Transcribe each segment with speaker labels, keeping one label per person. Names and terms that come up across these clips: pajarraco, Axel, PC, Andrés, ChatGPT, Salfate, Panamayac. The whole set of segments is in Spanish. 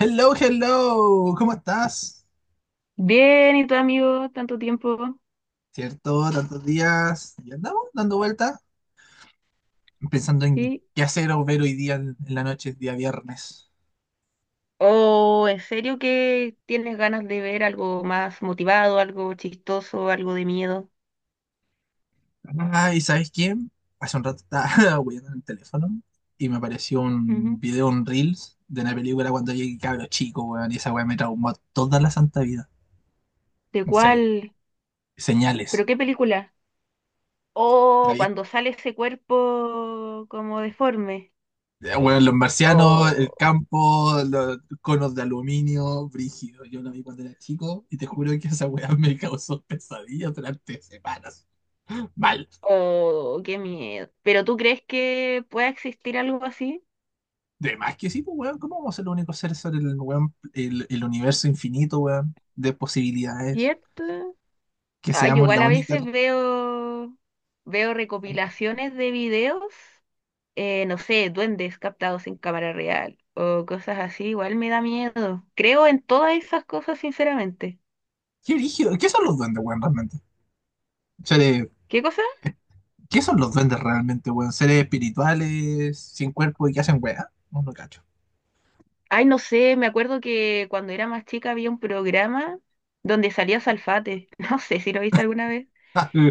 Speaker 1: Hello, hello, ¿cómo estás?
Speaker 2: Bien, ¿y tu amigo? Tanto tiempo.
Speaker 1: ¿Cierto? Tantos días. Y andamos dando vueltas, pensando en
Speaker 2: ¿Sí?
Speaker 1: qué hacer o ver hoy día en la noche, día viernes.
Speaker 2: ¿O en serio que tienes ganas de ver algo más motivado, algo chistoso, algo de miedo?
Speaker 1: Ah, ¿y sabes quién? Hace un rato estaba hueando en el teléfono y me apareció
Speaker 2: Ujú.
Speaker 1: un video, un Reels de una película cuando llegué cabro chico, weón, y esa weá me traumó toda la santa vida.
Speaker 2: ¿De
Speaker 1: En serio.
Speaker 2: cuál?
Speaker 1: Señales.
Speaker 2: ¿Pero qué película? ¿O cuando sale ese cuerpo como deforme?
Speaker 1: Bueno, los marcianos, el
Speaker 2: ¿O,
Speaker 1: campo, los conos de aluminio, brígido. Yo lo vi cuando era chico y te juro que esa weá me causó pesadillas durante semanas. Mal.
Speaker 2: o qué miedo? ¿Pero tú crees que pueda existir algo así?
Speaker 1: De más que sí, pues weón, ¿cómo vamos a ser los únicos seres sobre el, weón, el universo infinito, weón, de posibilidades?
Speaker 2: ¿Cierto?
Speaker 1: Que
Speaker 2: Ay,
Speaker 1: seamos
Speaker 2: igual
Speaker 1: la
Speaker 2: a
Speaker 1: única.
Speaker 2: veces veo, veo recopilaciones de videos no sé, duendes captados en cámara real o cosas así, igual me da miedo. Creo en todas esas cosas, sinceramente.
Speaker 1: ¿Qué brígido? ¿Qué son los duendes, weón, realmente? Seres-
Speaker 2: ¿Qué cosa?
Speaker 1: ¿Qué son los duendes realmente, weón? ¿Seres espirituales, sin cuerpo y que hacen weá? No, no cacho.
Speaker 2: Ay, no sé, me acuerdo que cuando era más chica había un programa donde salía Salfate, no sé si lo viste alguna vez,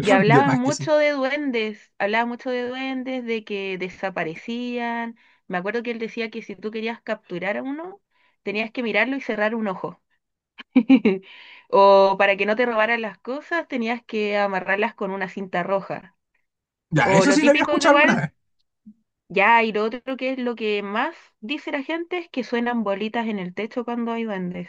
Speaker 2: y
Speaker 1: De
Speaker 2: hablaban
Speaker 1: más que sí.
Speaker 2: mucho de duendes, hablaban mucho de duendes, de que desaparecían. Me acuerdo que él decía que si tú querías capturar a uno, tenías que mirarlo y cerrar un ojo. O para que no te robaran las cosas, tenías que amarrarlas con una cinta roja.
Speaker 1: Ya,
Speaker 2: O
Speaker 1: eso
Speaker 2: lo
Speaker 1: sí lo había
Speaker 2: típico que
Speaker 1: escuchado alguna
Speaker 2: igual,
Speaker 1: vez.
Speaker 2: ya, y lo otro que es lo que más dice la gente es que suenan bolitas en el techo cuando hay duendes.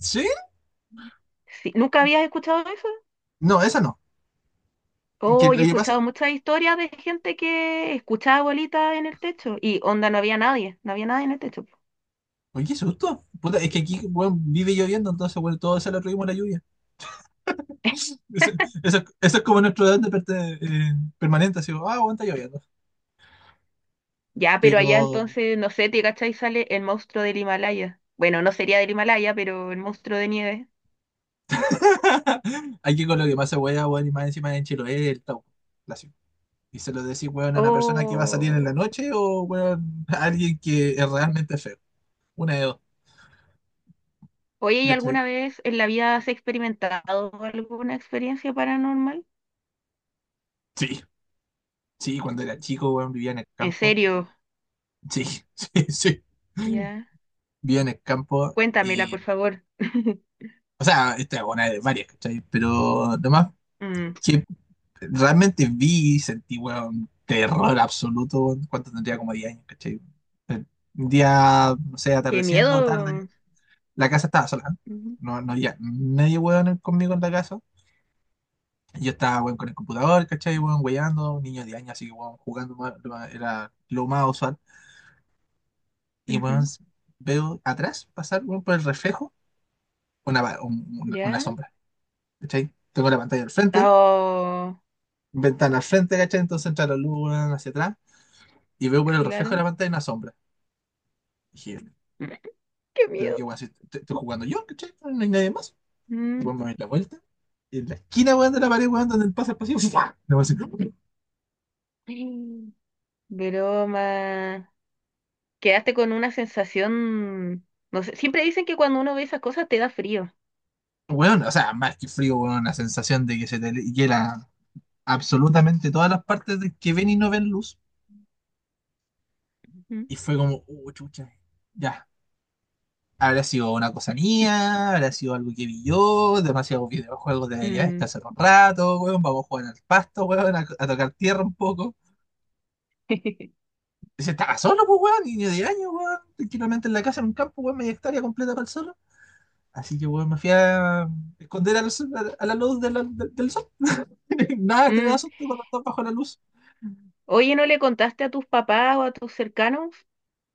Speaker 1: Sí.
Speaker 2: Sí, ¿nunca habías escuchado eso?
Speaker 1: No, esa no. Que
Speaker 2: Oh, yo
Speaker 1: lo
Speaker 2: he
Speaker 1: que pasa.
Speaker 2: escuchado muchas historias de gente que escuchaba bolitas en el techo y onda, no había nadie, no había nadie en el techo, po.
Speaker 1: Oye, qué susto. Puta, es que aquí, weón, vive lloviendo, entonces, bueno, todo se lo atribuimos a la lluvia. Eso, eso es como nuestro edad de permanente, así, weón, está lloviendo.
Speaker 2: Ya, pero allá
Speaker 1: Pero
Speaker 2: entonces, no sé, te cachai, sale el monstruo del Himalaya. Bueno, no sería del Himalaya, pero el monstruo de nieve.
Speaker 1: aquí con lo que pasa, weón, weón, y más encima en Chiloé, el tau. La ciudad. Y se lo decís, weón, a una persona que va a salir en la
Speaker 2: Oh.
Speaker 1: noche o, weón, a alguien que es realmente feo. Una de dos.
Speaker 2: Oye, ¿y
Speaker 1: ¿Cachai?
Speaker 2: alguna vez en la vida has experimentado alguna experiencia paranormal?
Speaker 1: Sí, sí, cuando era chico, weón, vivía en el
Speaker 2: En
Speaker 1: campo.
Speaker 2: serio,
Speaker 1: Sí, sí, sí.
Speaker 2: ya.
Speaker 1: Vivía en el campo.
Speaker 2: Cuéntamela, por favor.
Speaker 1: O sea, esta es una de varias, ¿cachai? Pero lo más
Speaker 2: Mm,
Speaker 1: que realmente vi y sentí, weón, terror absoluto, weón, cuando tendría como 10 años, ¿cachai? Eh, Un día, no sé,
Speaker 2: qué
Speaker 1: atardeciendo,
Speaker 2: miedo.
Speaker 1: tarde, la casa estaba sola. ¿Eh?
Speaker 2: Ujú,
Speaker 1: No, no había nadie, weón, conmigo en la casa. Yo estaba, weón, con el computador, ¿cachai? Weón, weyando, un niño de 10 años, así que, weón, jugando era lo más usual. Y, weón,
Speaker 2: ujú,
Speaker 1: veo atrás pasar, weón, por el reflejo, una, va- un- una
Speaker 2: ¿ya?
Speaker 1: sombra, ¿cachai? Tengo la pantalla al frente,
Speaker 2: Oh,
Speaker 1: ventana al frente, ¿cachai? Entonces entra la luz weón, hacia atrás y veo por el reflejo de
Speaker 2: claro.
Speaker 1: la pantalla una sombra. Dije,
Speaker 2: Qué
Speaker 1: pero qué
Speaker 2: miedo.
Speaker 1: weón, si estoy jugando yo, ¿cachai? No hay nadie más. Y
Speaker 2: Mm.
Speaker 1: weón me doy la vuelta. Y en la esquina, weón, de la pared, weón, donde pasa el pasillo, ¡fua! Y weón, así,
Speaker 2: Mm, broma. Quedaste con una sensación, no sé, siempre dicen que cuando uno ve esas cosas te da frío.
Speaker 1: weón, o sea, más que frío, weón, la sensación de que se te hiela absolutamente todas las partes de que ven y no ven luz.
Speaker 2: Ujú.
Speaker 1: Y fue como, chucha, ya, ¿habrá sido una cosa mía? ¿Habrá sido algo que vi yo? Demasiados videojuegos, debería
Speaker 2: Mm.
Speaker 1: descansar un rato, weón. Vamos a jugar al pasto, weón, a tocar tierra un poco. Y se estaba solo, pues, weón, niño de año, weón. Tranquilamente en la casa, en un campo, weón, media hectárea completa para el solo. Así que, weón, me fui a esconder a la luz del sol. Nada, te da
Speaker 2: Mm.
Speaker 1: susto cuando estás bajo la luz.
Speaker 2: Oye, ¿no le contaste a tus papás o a tus cercanos?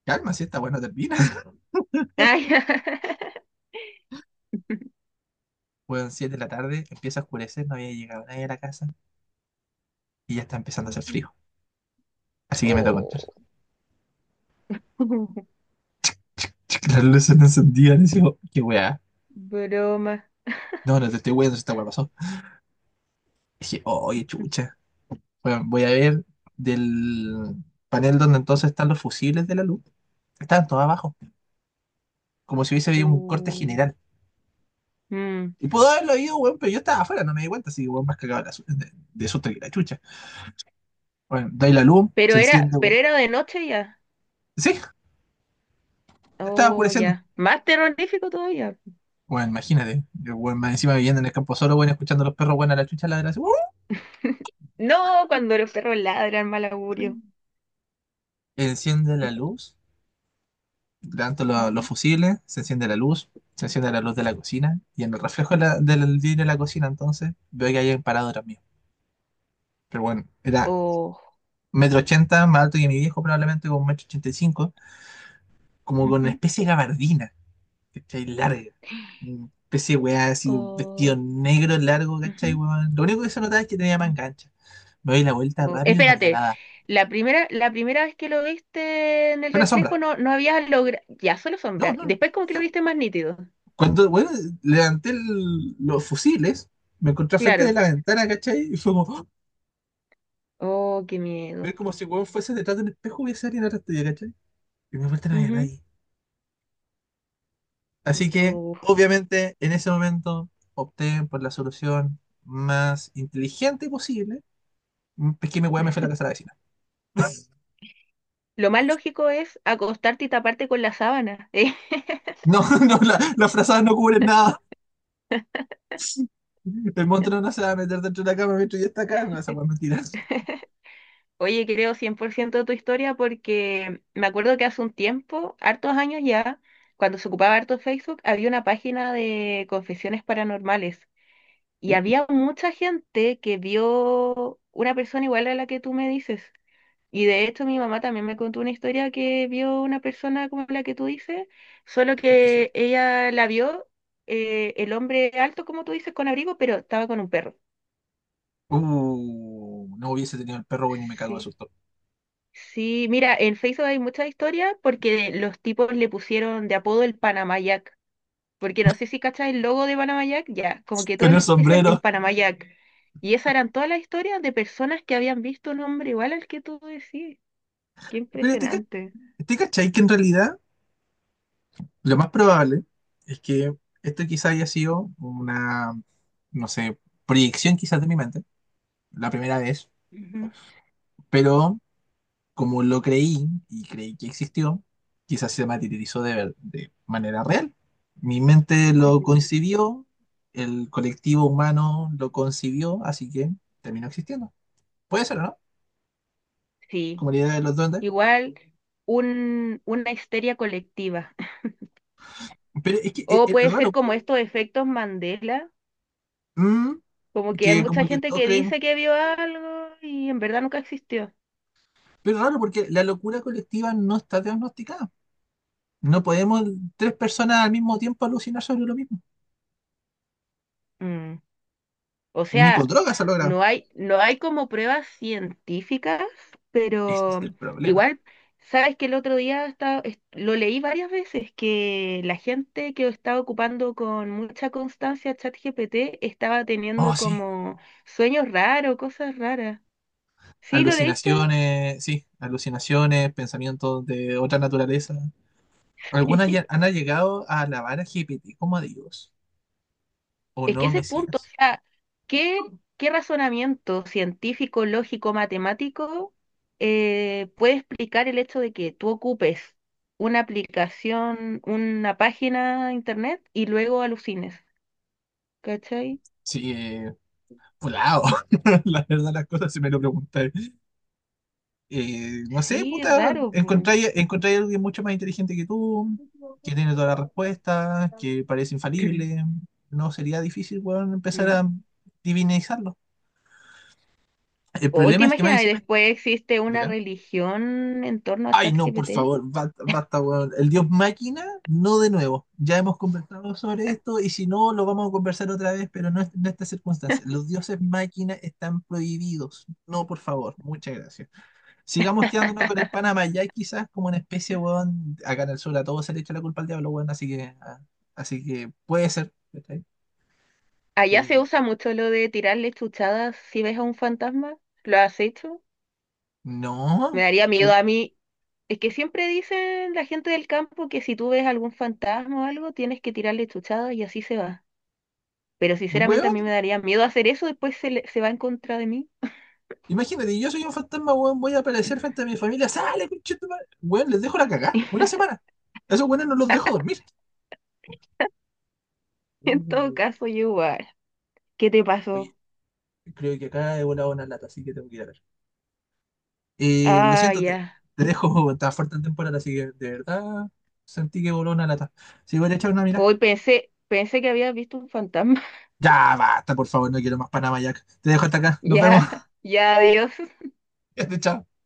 Speaker 1: Calma, si esta bueno termina.
Speaker 2: Ay,
Speaker 1: Weón, 7 de la tarde, empieza a oscurecer, no había llegado nadie a la casa y ya está empezando a hacer
Speaker 2: ujú.
Speaker 1: frío. Así que me tocó entrar.
Speaker 2: Oh,
Speaker 1: Las luces no encendían. Y digo, qué weá.
Speaker 2: broma.
Speaker 1: No, no te estoy weando, esta weá pasó. Dije, "Oh, oye, chucha. Bueno, voy a ver del panel donde entonces están los fusibles de la luz. Estaban todos abajo, como si hubiese habido un corte
Speaker 2: Uh,
Speaker 1: general.
Speaker 2: mm.
Speaker 1: Y pudo haberlo habido, weón, pero yo estaba afuera, no me di cuenta, así que, weón, más cagado de susto que la chucha. Bueno, doy la luz, se enciende, weón.
Speaker 2: Pero era de noche ya.
Speaker 1: Sí, ya estaba
Speaker 2: Oh,
Speaker 1: oscureciendo.
Speaker 2: ya. Más terrorífico todavía.
Speaker 1: Bueno, imagínate, yo, weón, más encima viviendo en el campo solo, weón, escuchando a los perros, weón, a la chucha, la de la...
Speaker 2: No, cuando los perros ladran, mal augurio.
Speaker 1: Enciende la luz. Levanto los
Speaker 2: Ujú.
Speaker 1: fusibles, se enciende la luz, se enciende la luz de la cocina y en el reflejo del vidrio de la cocina entonces veo que hay un parador mío. Pero bueno, era
Speaker 2: Oh,
Speaker 1: metro ochenta, más alto que mi viejo probablemente, con metro ochenta y cinco, como con una
Speaker 2: ujú.
Speaker 1: especie de gabardina, ¿cachai? Larga. Una especie de weá así, un vestido
Speaker 2: Oh,
Speaker 1: negro largo, ¿cachai,
Speaker 2: ujú.
Speaker 1: weón? Lo único que se notaba es que tenía manga ancha. Me doy la vuelta
Speaker 2: Oh.
Speaker 1: rápido y no había
Speaker 2: Espérate,
Speaker 1: nada.
Speaker 2: la primera vez que lo viste en el
Speaker 1: Fue una
Speaker 2: reflejo
Speaker 1: sombra.
Speaker 2: no, no habías logrado, ya solo
Speaker 1: No,
Speaker 2: sombra,
Speaker 1: no, no.
Speaker 2: después como que lo viste más nítido,
Speaker 1: Cuando, bueno, levanté los fusiles, me encontré frente de
Speaker 2: claro.
Speaker 1: la ventana, ¿cachai? Y fue como, ¡oh!
Speaker 2: Oh, qué
Speaker 1: Ver
Speaker 2: miedo.
Speaker 1: como si weón fuese detrás de un espejo hubiese alguien atrás tuyo, ¿cachai? Y me vuelta no había nadie. Así que,
Speaker 2: Du-
Speaker 1: obviamente, en ese momento opté por la solución más inteligente posible. Es que mi weá me fue a la casa de la vecina.
Speaker 2: Lo más lógico es acostarte y taparte con la sábana. ¿Eh?
Speaker 1: No, no, las frazadas no cubren nada. El monstruo no se va a meter dentro de la cama mientras yo está acá. No, esa weá es mentira.
Speaker 2: Oye, creo 100% de tu historia porque me acuerdo que hace un tiempo, hartos años ya, cuando se ocupaba harto Facebook, había una página de confesiones paranormales y había mucha gente que vio una persona igual a la que tú me dices. Y de hecho mi mamá también me contó una historia que vio una persona como la que tú dices, solo
Speaker 1: Qué brillo.
Speaker 2: que ella la vio el hombre alto, como tú dices, con abrigo, pero estaba con un perro.
Speaker 1: No hubiese tenido el perro, bueno, y me cago de
Speaker 2: Sí.
Speaker 1: susto.
Speaker 2: Sí, mira, en Facebook hay muchas historias porque los tipos le pusieron de apodo el Panamayac. Porque no sé si cachas el logo de Panamayac, ya, como que
Speaker 1: Con
Speaker 2: todos
Speaker 1: el
Speaker 2: le decían el
Speaker 1: sombrero.
Speaker 2: Panamayac. Y esas eran todas las historias de personas que habían visto un hombre igual al que tú decís. Qué
Speaker 1: Pero te, ca-
Speaker 2: impresionante.
Speaker 1: te cachai que en realidad lo más probable es que esto quizá haya sido una, no sé, proyección quizás de mi mente, la primera vez,
Speaker 2: Ujú.
Speaker 1: pero como lo creí y creí que existió, quizás se materializó de manera real. Mi mente lo
Speaker 2: Mm,
Speaker 1: concibió, el colectivo humano lo concibió, así que terminó existiendo. Puede ser, ¿no?
Speaker 2: sí,
Speaker 1: Como la idea de los duendes.
Speaker 2: igual un, una histeria colectiva.
Speaker 1: Pero es que es,
Speaker 2: O
Speaker 1: es
Speaker 2: puede ser
Speaker 1: raro.
Speaker 2: como estos efectos Mandela,
Speaker 1: mm,
Speaker 2: como que hay
Speaker 1: que
Speaker 2: mucha
Speaker 1: como que
Speaker 2: gente
Speaker 1: todos
Speaker 2: que
Speaker 1: creemos.
Speaker 2: dice que vio algo y en verdad nunca existió.
Speaker 1: Pero raro, porque la locura colectiva no está diagnosticada. No podemos tres personas al mismo tiempo alucinar sobre lo mismo.
Speaker 2: O
Speaker 1: Ni con
Speaker 2: sea,
Speaker 1: drogas se logra.
Speaker 2: no hay, no hay como pruebas científicas,
Speaker 1: Ese es
Speaker 2: pero
Speaker 1: el problema.
Speaker 2: igual, sabes que el otro día lo leí varias veces que la gente que estaba ocupando con mucha constancia ChatGPT estaba
Speaker 1: Oh,
Speaker 2: teniendo
Speaker 1: sí.
Speaker 2: como sueños raros, cosas raras. ¿Sí lo leíste?
Speaker 1: Alucinaciones, sí. Alucinaciones, pensamientos de otra naturaleza. Algunas ya han llegado a alabar a GPT como a Dios. ¿O
Speaker 2: Es que
Speaker 1: no,
Speaker 2: ese punto, o
Speaker 1: Mesías?
Speaker 2: sea, ¿qué, qué razonamiento científico, lógico, matemático puede explicar el hecho de que tú ocupes una aplicación, una página de internet y luego alucines? ¿Cachai?
Speaker 1: Sí, volado. La verdad, las cosas, si me lo preguntáis. No sé,
Speaker 2: Sí, es
Speaker 1: puta,
Speaker 2: raro, po.
Speaker 1: encontráis a alguien mucho más inteligente que tú, que tiene todas las respuestas, que parece infalible. No sería difícil, weón, empezar
Speaker 2: Mm.
Speaker 1: a divinizarlo. El
Speaker 2: ¿O te
Speaker 1: problema es que más
Speaker 2: imaginas? Y
Speaker 1: encima.
Speaker 2: después existe una
Speaker 1: Diga.
Speaker 2: religión en torno a
Speaker 1: Ay, no, por
Speaker 2: ChatGPT.
Speaker 1: favor, basta, weón. El dios máquina, no de nuevo. Ya hemos conversado sobre esto y si no, lo vamos a conversar otra vez, pero no en estas circunstancias. Los dioses máquina están prohibidos. No, por favor, muchas gracias. Sigamos quedándonos con el Panamá, ya quizás como una especie, weón, acá en el sur a todo se le echa la culpa al diablo, weón, así que puede ser. ¿Cachai?
Speaker 2: Allá se
Speaker 1: Eh,
Speaker 2: usa mucho lo de tirarle chuchadas si ves a un fantasma. ¿Lo has hecho? Me
Speaker 1: no,
Speaker 2: daría
Speaker 1: we-
Speaker 2: miedo a mí. Es que siempre dicen la gente del campo que si tú ves algún fantasma o algo, tienes que tirarle chuchada y así se va. Pero sinceramente a
Speaker 1: weón,
Speaker 2: mí me daría miedo hacer eso, después se, se va en contra de mí.
Speaker 1: imagínate, yo soy un fantasma, weón, voy a aparecer frente a mi familia, sale, pinche tu madre". Weón, les dejo la cagá, una semana. A esos weones no los dejo dormir. Uh,
Speaker 2: En todo caso, yo igual. ¿Qué te
Speaker 1: Oye,
Speaker 2: pasó?
Speaker 1: creo que acá he volado una lata, así que tengo que ir a ver. Lo
Speaker 2: Ah,
Speaker 1: siento, te,
Speaker 2: ya.
Speaker 1: te dejo, estaba fuerte en temporada, así que de verdad sentí que voló una lata. Si voy a echar una mirada.
Speaker 2: Hoy pensé, pensé que habías visto un fantasma.
Speaker 1: Ya basta, por favor, no quiero más Panama Jack. Te dejo hasta acá. Nos vemos.
Speaker 2: Ya, ya, adiós.
Speaker 1: Chao.